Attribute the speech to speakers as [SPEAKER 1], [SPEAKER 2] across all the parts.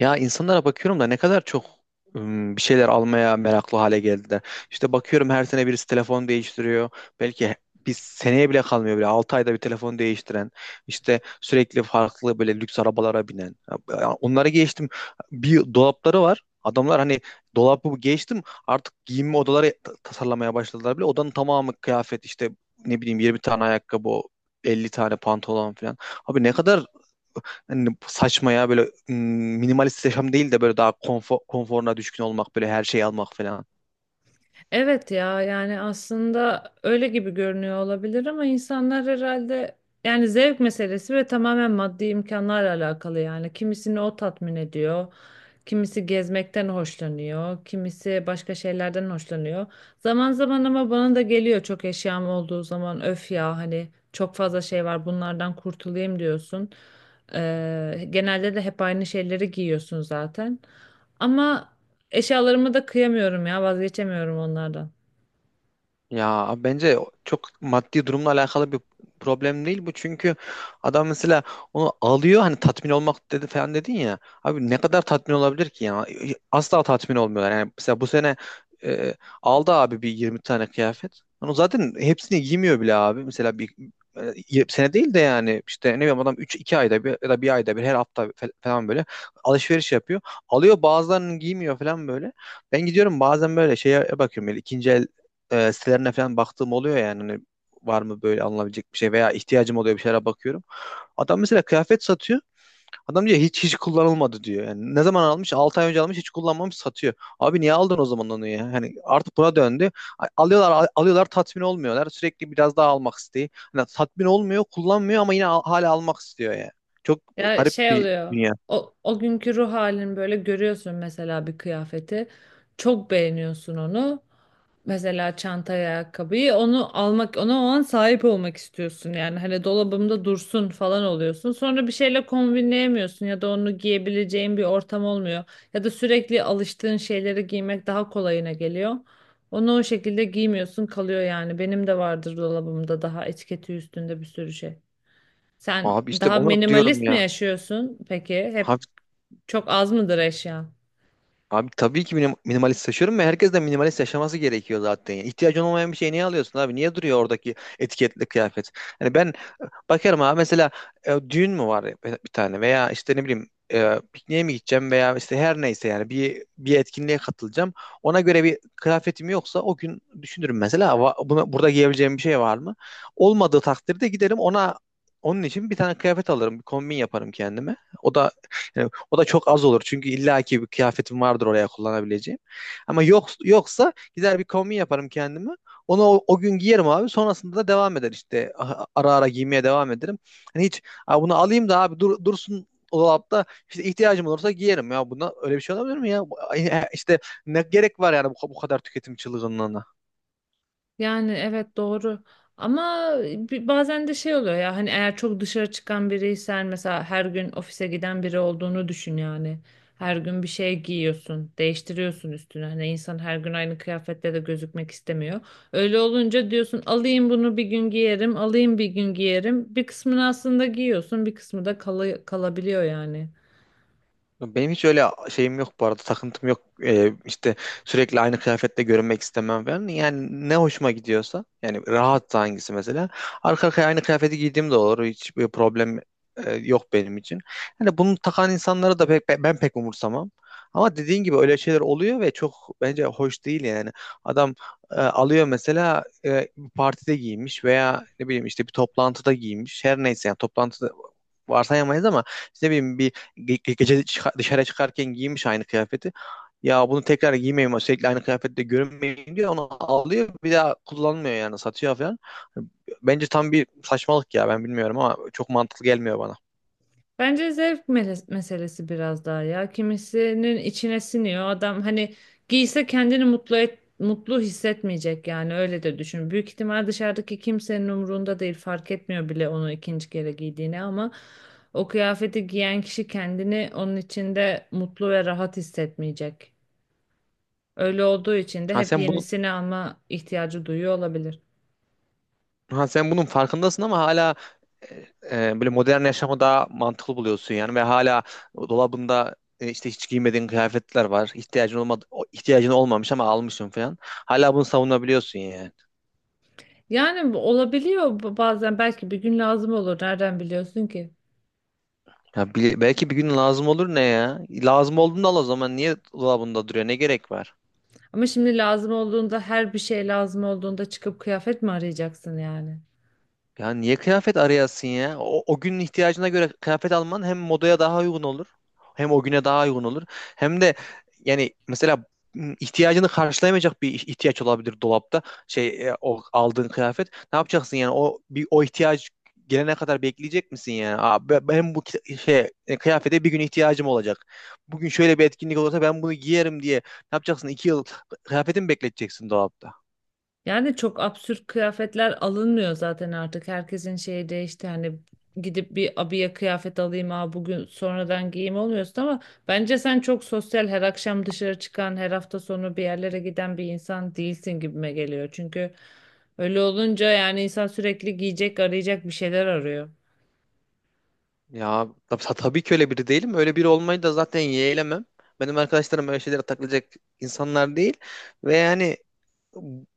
[SPEAKER 1] Ya insanlara bakıyorum da ne kadar çok bir şeyler almaya meraklı hale geldiler. İşte bakıyorum her sene birisi telefon değiştiriyor. Belki bir seneye bile kalmıyor bile. 6 ayda bir telefon değiştiren, işte sürekli farklı böyle lüks arabalara binen. Ya onları geçtim. Bir dolapları var. Adamlar hani dolabı geçtim artık giyinme odaları tasarlamaya başladılar bile. Odanın tamamı kıyafet işte ne bileyim 20 tane ayakkabı, 50 tane pantolon falan. Abi ne kadar hani saçma ya böyle mm, minimalist yaşam değil de böyle daha konforuna düşkün olmak, böyle her şeyi almak falan.
[SPEAKER 2] Evet ya, yani aslında öyle gibi görünüyor olabilir ama insanlar herhalde yani zevk meselesi ve tamamen maddi imkanlarla alakalı yani. Kimisini o tatmin ediyor, kimisi gezmekten hoşlanıyor, kimisi başka şeylerden hoşlanıyor. Zaman zaman ama bana da geliyor, çok eşyam olduğu zaman öf ya, hani çok fazla şey var, bunlardan kurtulayım diyorsun. Genelde de hep aynı şeyleri giyiyorsun zaten. Ama eşyalarımı da kıyamıyorum ya, vazgeçemiyorum onlardan.
[SPEAKER 1] Ya bence çok maddi durumla alakalı bir problem değil bu. Çünkü adam mesela onu alıyor, hani tatmin olmak dedi falan dedin ya. Abi ne kadar tatmin olabilir ki ya? Asla tatmin olmuyorlar. Yani mesela bu sene e, aldı abi bir 20 tane kıyafet. Onu zaten hepsini giymiyor bile abi. Mesela bir sene değil de yani işte ne bileyim adam üç iki ayda bir ya da bir ayda bir, her hafta falan böyle alışveriş yapıyor. Alıyor, bazılarını giymiyor falan böyle. Ben gidiyorum bazen böyle şeye bakıyorum, böyle ikinci el sitelerine falan baktığım oluyor, yani hani var mı böyle alınabilecek bir şey veya ihtiyacım oluyor bir şeylere bakıyorum. Adam mesela kıyafet satıyor. Adam diyor hiç kullanılmadı diyor. Yani ne zaman almış? 6 ay önce almış, hiç kullanmamış, satıyor. Abi niye aldın o zaman onu ya? Hani artık buna döndü. Alıyorlar, alıyorlar, tatmin olmuyorlar. Sürekli biraz daha almak isteği. Hani tatmin olmuyor, kullanmıyor ama yine hala almak istiyor ya. Çok
[SPEAKER 2] Ya
[SPEAKER 1] garip
[SPEAKER 2] şey
[SPEAKER 1] bir
[SPEAKER 2] oluyor.
[SPEAKER 1] dünya.
[SPEAKER 2] O, o günkü ruh halini böyle görüyorsun mesela bir kıyafeti. Çok beğeniyorsun onu. Mesela çantaya ayakkabıyı onu almak, ona o an sahip olmak istiyorsun. Yani hani dolabımda dursun falan oluyorsun. Sonra bir şeyle kombinleyemiyorsun ya da onu giyebileceğin bir ortam olmuyor. Ya da sürekli alıştığın şeyleri giymek daha kolayına geliyor. Onu o şekilde giymiyorsun, kalıyor yani. Benim de vardır dolabımda daha etiketi üstünde bir sürü şey. Sen
[SPEAKER 1] Abi işte
[SPEAKER 2] daha
[SPEAKER 1] onu diyorum
[SPEAKER 2] minimalist mi
[SPEAKER 1] ya.
[SPEAKER 2] yaşıyorsun peki? Hep
[SPEAKER 1] Abi.
[SPEAKER 2] çok az mıdır eşyan?
[SPEAKER 1] Abi tabii ki minimalist yaşıyorum ve herkes de minimalist yaşaması gerekiyor zaten. Yani ihtiyacın olmayan bir şey niye alıyorsun abi? Niye duruyor oradaki etiketli kıyafet? Hani ben bakarım abi mesela düğün mü var ya bir tane, veya işte ne bileyim pikniğe mi gideceğim, veya işte her neyse, yani bir etkinliğe katılacağım. Ona göre bir kıyafetim yoksa o gün düşünürüm mesela, buna, burada giyebileceğim bir şey var mı?" Olmadığı takdirde giderim, onun için bir tane kıyafet alırım, bir kombin yaparım kendime. O da, yani o da çok az olur çünkü illaki bir kıyafetim vardır oraya kullanabileceğim. Ama yok yoksa gider bir kombin yaparım kendime. Onu o gün giyerim abi. Sonrasında da devam eder işte. Ara ara giymeye devam ederim. Hani hiç "Aa, bunu alayım da abi dursun o dolapta, işte ihtiyacım olursa giyerim ya." Buna öyle bir şey olabilir mi ya? İşte ne gerek var yani bu kadar tüketim çılgınlığına?
[SPEAKER 2] Yani evet, doğru. Ama bazen de şey oluyor ya, hani eğer çok dışarı çıkan biriysen, mesela her gün ofise giden biri olduğunu düşün yani. Her gün bir şey giyiyorsun, değiştiriyorsun üstünü. Hani insan her gün aynı kıyafetle de gözükmek istemiyor. Öyle olunca diyorsun alayım bunu bir gün giyerim, alayım bir gün giyerim. Bir kısmını aslında giyiyorsun, bir kısmı da kalabiliyor yani.
[SPEAKER 1] Benim hiç öyle şeyim yok, bu arada takıntım yok. İşte sürekli aynı kıyafetle görünmek istemem falan, yani ne hoşuma gidiyorsa, yani rahatsa hangisi, mesela arka arkaya aynı kıyafeti giydiğim de olur, hiç bir problem yok benim için. Hani bunu takan insanları da ben pek umursamam, ama dediğin gibi öyle şeyler oluyor ve çok bence hoş değil yani. Adam alıyor mesela, bir partide giymiş veya ne bileyim işte bir toplantıda giymiş, her neyse, yani toplantıda varsayamayız ama işte ne bileyim bir gece dışarı çıkarken giymiş aynı kıyafeti. Ya bunu tekrar giymeyeyim, sürekli aynı kıyafette görünmeyeyim diye onu alıyor, bir daha kullanmıyor, yani satıyor falan. Bence tam bir saçmalık ya, ben bilmiyorum ama çok mantıklı gelmiyor bana.
[SPEAKER 2] Bence zevk meselesi biraz daha ya. Kimisinin içine siniyor. Adam hani giyse kendini mutlu et, mutlu hissetmeyecek yani, öyle de düşün. Büyük ihtimal dışarıdaki kimsenin umurunda değil. Fark etmiyor bile onu ikinci kere giydiğini, ama o kıyafeti giyen kişi kendini onun içinde mutlu ve rahat hissetmeyecek. Öyle olduğu için de
[SPEAKER 1] Ha
[SPEAKER 2] hep
[SPEAKER 1] sen bunu
[SPEAKER 2] yenisini alma ihtiyacı duyuyor olabilir.
[SPEAKER 1] Ha sen bunun farkındasın ama hala e, böyle modern yaşamı daha mantıklı buluyorsun yani, ve hala dolabında işte hiç giymediğin kıyafetler var. İhtiyacın olmadı, ihtiyacın olmamış ama almışsın falan. Hala bunu savunabiliyorsun yani.
[SPEAKER 2] Yani bu olabiliyor, bazen belki bir gün lazım olur. Nereden biliyorsun ki?
[SPEAKER 1] Ya belki bir gün lazım olur ne ya? Lazım olduğunda al o zaman. Niye dolabında duruyor? Ne gerek var?
[SPEAKER 2] Ama şimdi lazım olduğunda, her bir şey lazım olduğunda çıkıp kıyafet mi arayacaksın yani?
[SPEAKER 1] Ya niye kıyafet arayasın ya? O günün ihtiyacına göre kıyafet alman hem modaya daha uygun olur, hem o güne daha uygun olur. Hem de yani mesela ihtiyacını karşılayamayacak bir ihtiyaç olabilir dolapta. Şey, o aldığın kıyafet. Ne yapacaksın yani? O ihtiyaç gelene kadar bekleyecek misin yani? "Aa, ben bu kıyafete bir gün ihtiyacım olacak. Bugün şöyle bir etkinlik olursa ben bunu giyerim" diye. Ne yapacaksın? 2 yıl kıyafetimi bekleteceksin dolapta.
[SPEAKER 2] Yani çok absürt kıyafetler alınmıyor zaten artık. Herkesin şeyi değişti. Hani gidip bir abiye kıyafet alayım ha bugün sonradan giyeyim olmuyorsun, ama bence sen çok sosyal, her akşam dışarı çıkan, her hafta sonu bir yerlere giden bir insan değilsin gibime geliyor. Çünkü öyle olunca yani insan sürekli giyecek arayacak, bir şeyler arıyor.
[SPEAKER 1] Ya tabii ki öyle biri değilim. Öyle biri olmayı da zaten yeğlemem. Benim arkadaşlarım öyle şeylere takılacak insanlar değil. Ve yani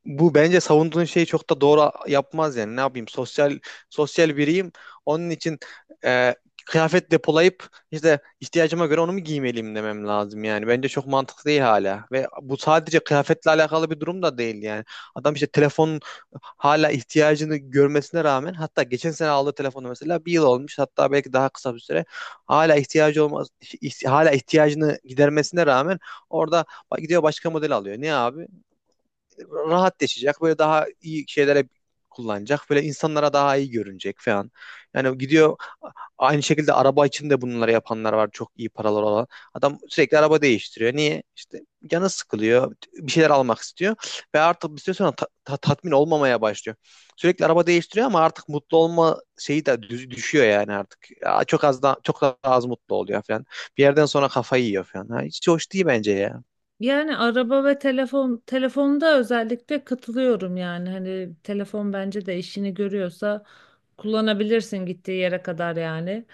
[SPEAKER 1] bu, bence savunduğun şeyi çok da doğru yapmaz yani. Ne yapayım? Sosyal biriyim. Onun için e, kıyafet depolayıp işte ihtiyacıma göre onu mu giymeliyim demem lazım yani. Bence çok mantıklı değil hala. Ve bu sadece kıyafetle alakalı bir durum da değil yani. Adam işte telefonun hala ihtiyacını görmesine rağmen, hatta geçen sene aldığı telefonu mesela bir yıl olmuş, hatta belki daha kısa bir süre, hala ihtiyacı olmaz, hala ihtiyacını gidermesine rağmen, orada gidiyor başka model alıyor. Niye abi? Rahat yaşayacak. Böyle daha iyi şeylere kullanacak. Böyle insanlara daha iyi görünecek falan. Yani gidiyor, aynı şekilde araba için de bunları yapanlar var. Çok iyi paralar olan. Adam sürekli araba değiştiriyor. Niye? İşte canı sıkılıyor. Bir şeyler almak istiyor. Ve artık bir süre sonra tatmin olmamaya başlıyor. Sürekli araba değiştiriyor ama artık mutlu olma şeyi de düşüyor yani artık. Ya çok az da, çok daha az mutlu oluyor falan. Bir yerden sonra kafayı yiyor falan. Ha, hiç hoş değil bence ya.
[SPEAKER 2] Yani araba ve telefon, telefonda özellikle katılıyorum yani, hani telefon bence de işini görüyorsa kullanabilirsin, gittiği yere kadar yani.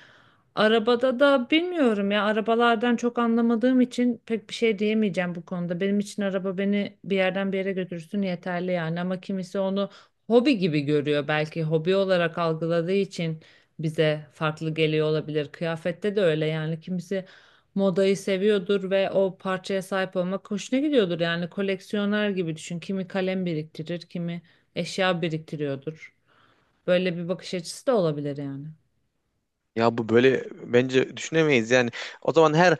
[SPEAKER 2] Arabada da bilmiyorum ya, arabalardan çok anlamadığım için pek bir şey diyemeyeceğim bu konuda. Benim için araba beni bir yerden bir yere götürsün yeterli yani, ama kimisi onu hobi gibi görüyor, belki hobi olarak algıladığı için bize farklı geliyor olabilir. Kıyafette de öyle yani, kimisi modayı seviyordur ve o parçaya sahip olmak hoşuna gidiyordur, yani koleksiyoner gibi düşün. Kimi kalem biriktirir, kimi eşya biriktiriyordur. Böyle bir bakış açısı da olabilir yani.
[SPEAKER 1] Ya bu böyle bence düşünemeyiz yani. O zaman her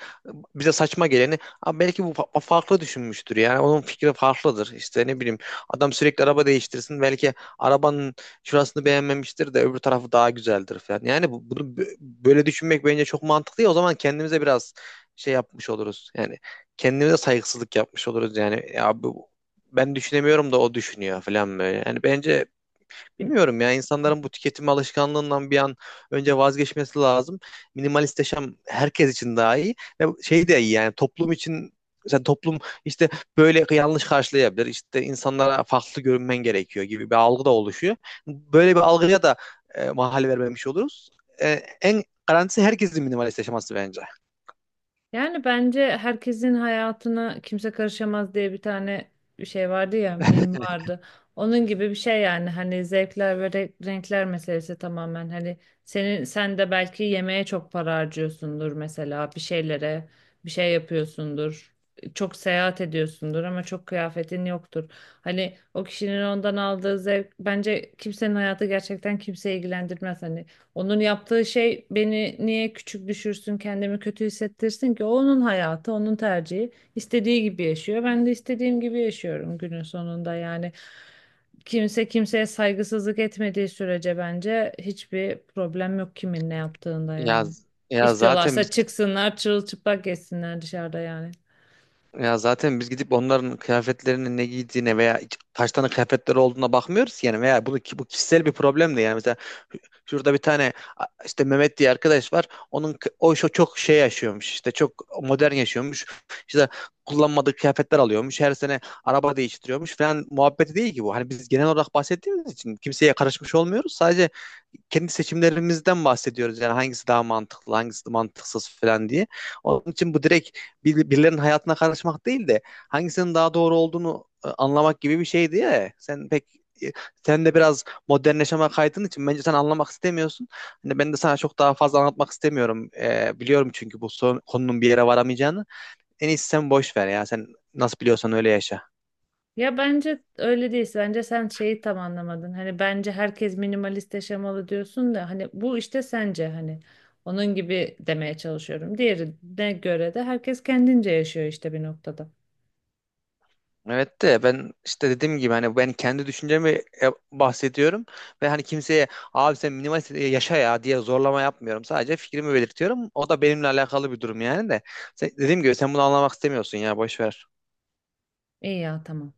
[SPEAKER 1] bize saçma geleni "Aa, belki bu farklı düşünmüştür, yani onun fikri farklıdır. İşte ne bileyim adam sürekli araba değiştirsin, belki arabanın şurasını beğenmemiştir de öbür tarafı daha güzeldir" falan. Yani bunu böyle düşünmek bence çok mantıklı ya, o zaman kendimize biraz şey yapmış oluruz. Yani kendimize saygısızlık yapmış oluruz yani. Ya bu, "Ben düşünemiyorum da o düşünüyor" falan böyle. Yani bence
[SPEAKER 2] Hı.
[SPEAKER 1] bilmiyorum ya, insanların bu tüketim alışkanlığından bir an önce vazgeçmesi lazım. Minimalist yaşam herkes için daha iyi, ve şey de iyi, yani toplum için. Mesela toplum işte böyle yanlış karşılayabilir. İşte insanlara farklı görünmen gerekiyor gibi bir algı da oluşuyor. Böyle bir algıya da mahal vermemiş oluruz. E, En garantisi herkesin minimalist yaşaması bence.
[SPEAKER 2] Yani bence herkesin hayatına kimse karışamaz diye bir tane bir şey vardı ya, mim vardı. Onun gibi bir şey yani, hani zevkler ve renkler meselesi tamamen, hani senin sen de belki yemeğe çok para harcıyorsundur mesela, bir şeylere bir şey yapıyorsundur. Çok seyahat ediyorsundur ama çok kıyafetin yoktur. Hani o kişinin ondan aldığı zevk, bence kimsenin hayatı gerçekten kimseyi ilgilendirmez. Hani onun yaptığı şey beni niye küçük düşürsün, kendimi kötü hissettirsin ki? O onun hayatı, onun tercihi. İstediği gibi yaşıyor. Ben de istediğim gibi yaşıyorum günün sonunda. Yani kimse kimseye saygısızlık etmediği sürece bence hiçbir problem yok kimin ne yaptığında
[SPEAKER 1] Ya
[SPEAKER 2] yani.
[SPEAKER 1] ya zaten
[SPEAKER 2] İstiyorlarsa
[SPEAKER 1] biz
[SPEAKER 2] çıksınlar, çırılçıplak geçsinler dışarıda yani.
[SPEAKER 1] Ya zaten biz gidip onların kıyafetlerinin ne giydiğine veya kaç tane kıyafetleri olduğuna bakmıyoruz ki yani, veya bunu bu kişisel bir problem de yani. Mesela şurada bir tane işte Mehmet diye arkadaş var. O şu çok şey yaşıyormuş, işte çok modern yaşıyormuş. İşte kullanmadığı kıyafetler alıyormuş, her sene araba değiştiriyormuş falan muhabbeti değil ki bu. Hani biz genel olarak bahsettiğimiz için kimseye karışmış olmuyoruz. Sadece kendi seçimlerimizden bahsediyoruz. Yani hangisi daha mantıklı, hangisi mantıksız falan diye. Onun için bu direkt birilerinin hayatına karışmak değil de hangisinin daha doğru olduğunu anlamak gibi bir şeydi ya. E, sen de biraz modernleşme, yaşama kaydığın için bence sen anlamak istemiyorsun. Hani ben de sana çok daha fazla anlatmak istemiyorum. Biliyorum çünkü bu konunun bir yere varamayacağını. En iyisi sen boş ver ya. Sen nasıl biliyorsan öyle yaşa.
[SPEAKER 2] Ya bence öyle değil. Bence sen şeyi tam anlamadın. Hani bence herkes minimalist yaşamalı diyorsun da, hani bu işte sence hani onun gibi demeye çalışıyorum. Diğerine göre de herkes kendince yaşıyor işte bir noktada.
[SPEAKER 1] Evet de ben işte dediğim gibi hani ben kendi düşüncemi bahsediyorum, ve hani kimseye "Abi sen minimalist yaşa ya" diye zorlama yapmıyorum. Sadece fikrimi belirtiyorum. O da benimle alakalı bir durum yani de. Dediğim gibi sen bunu anlamak istemiyorsun ya, boş ver.
[SPEAKER 2] İyi ya, tamam.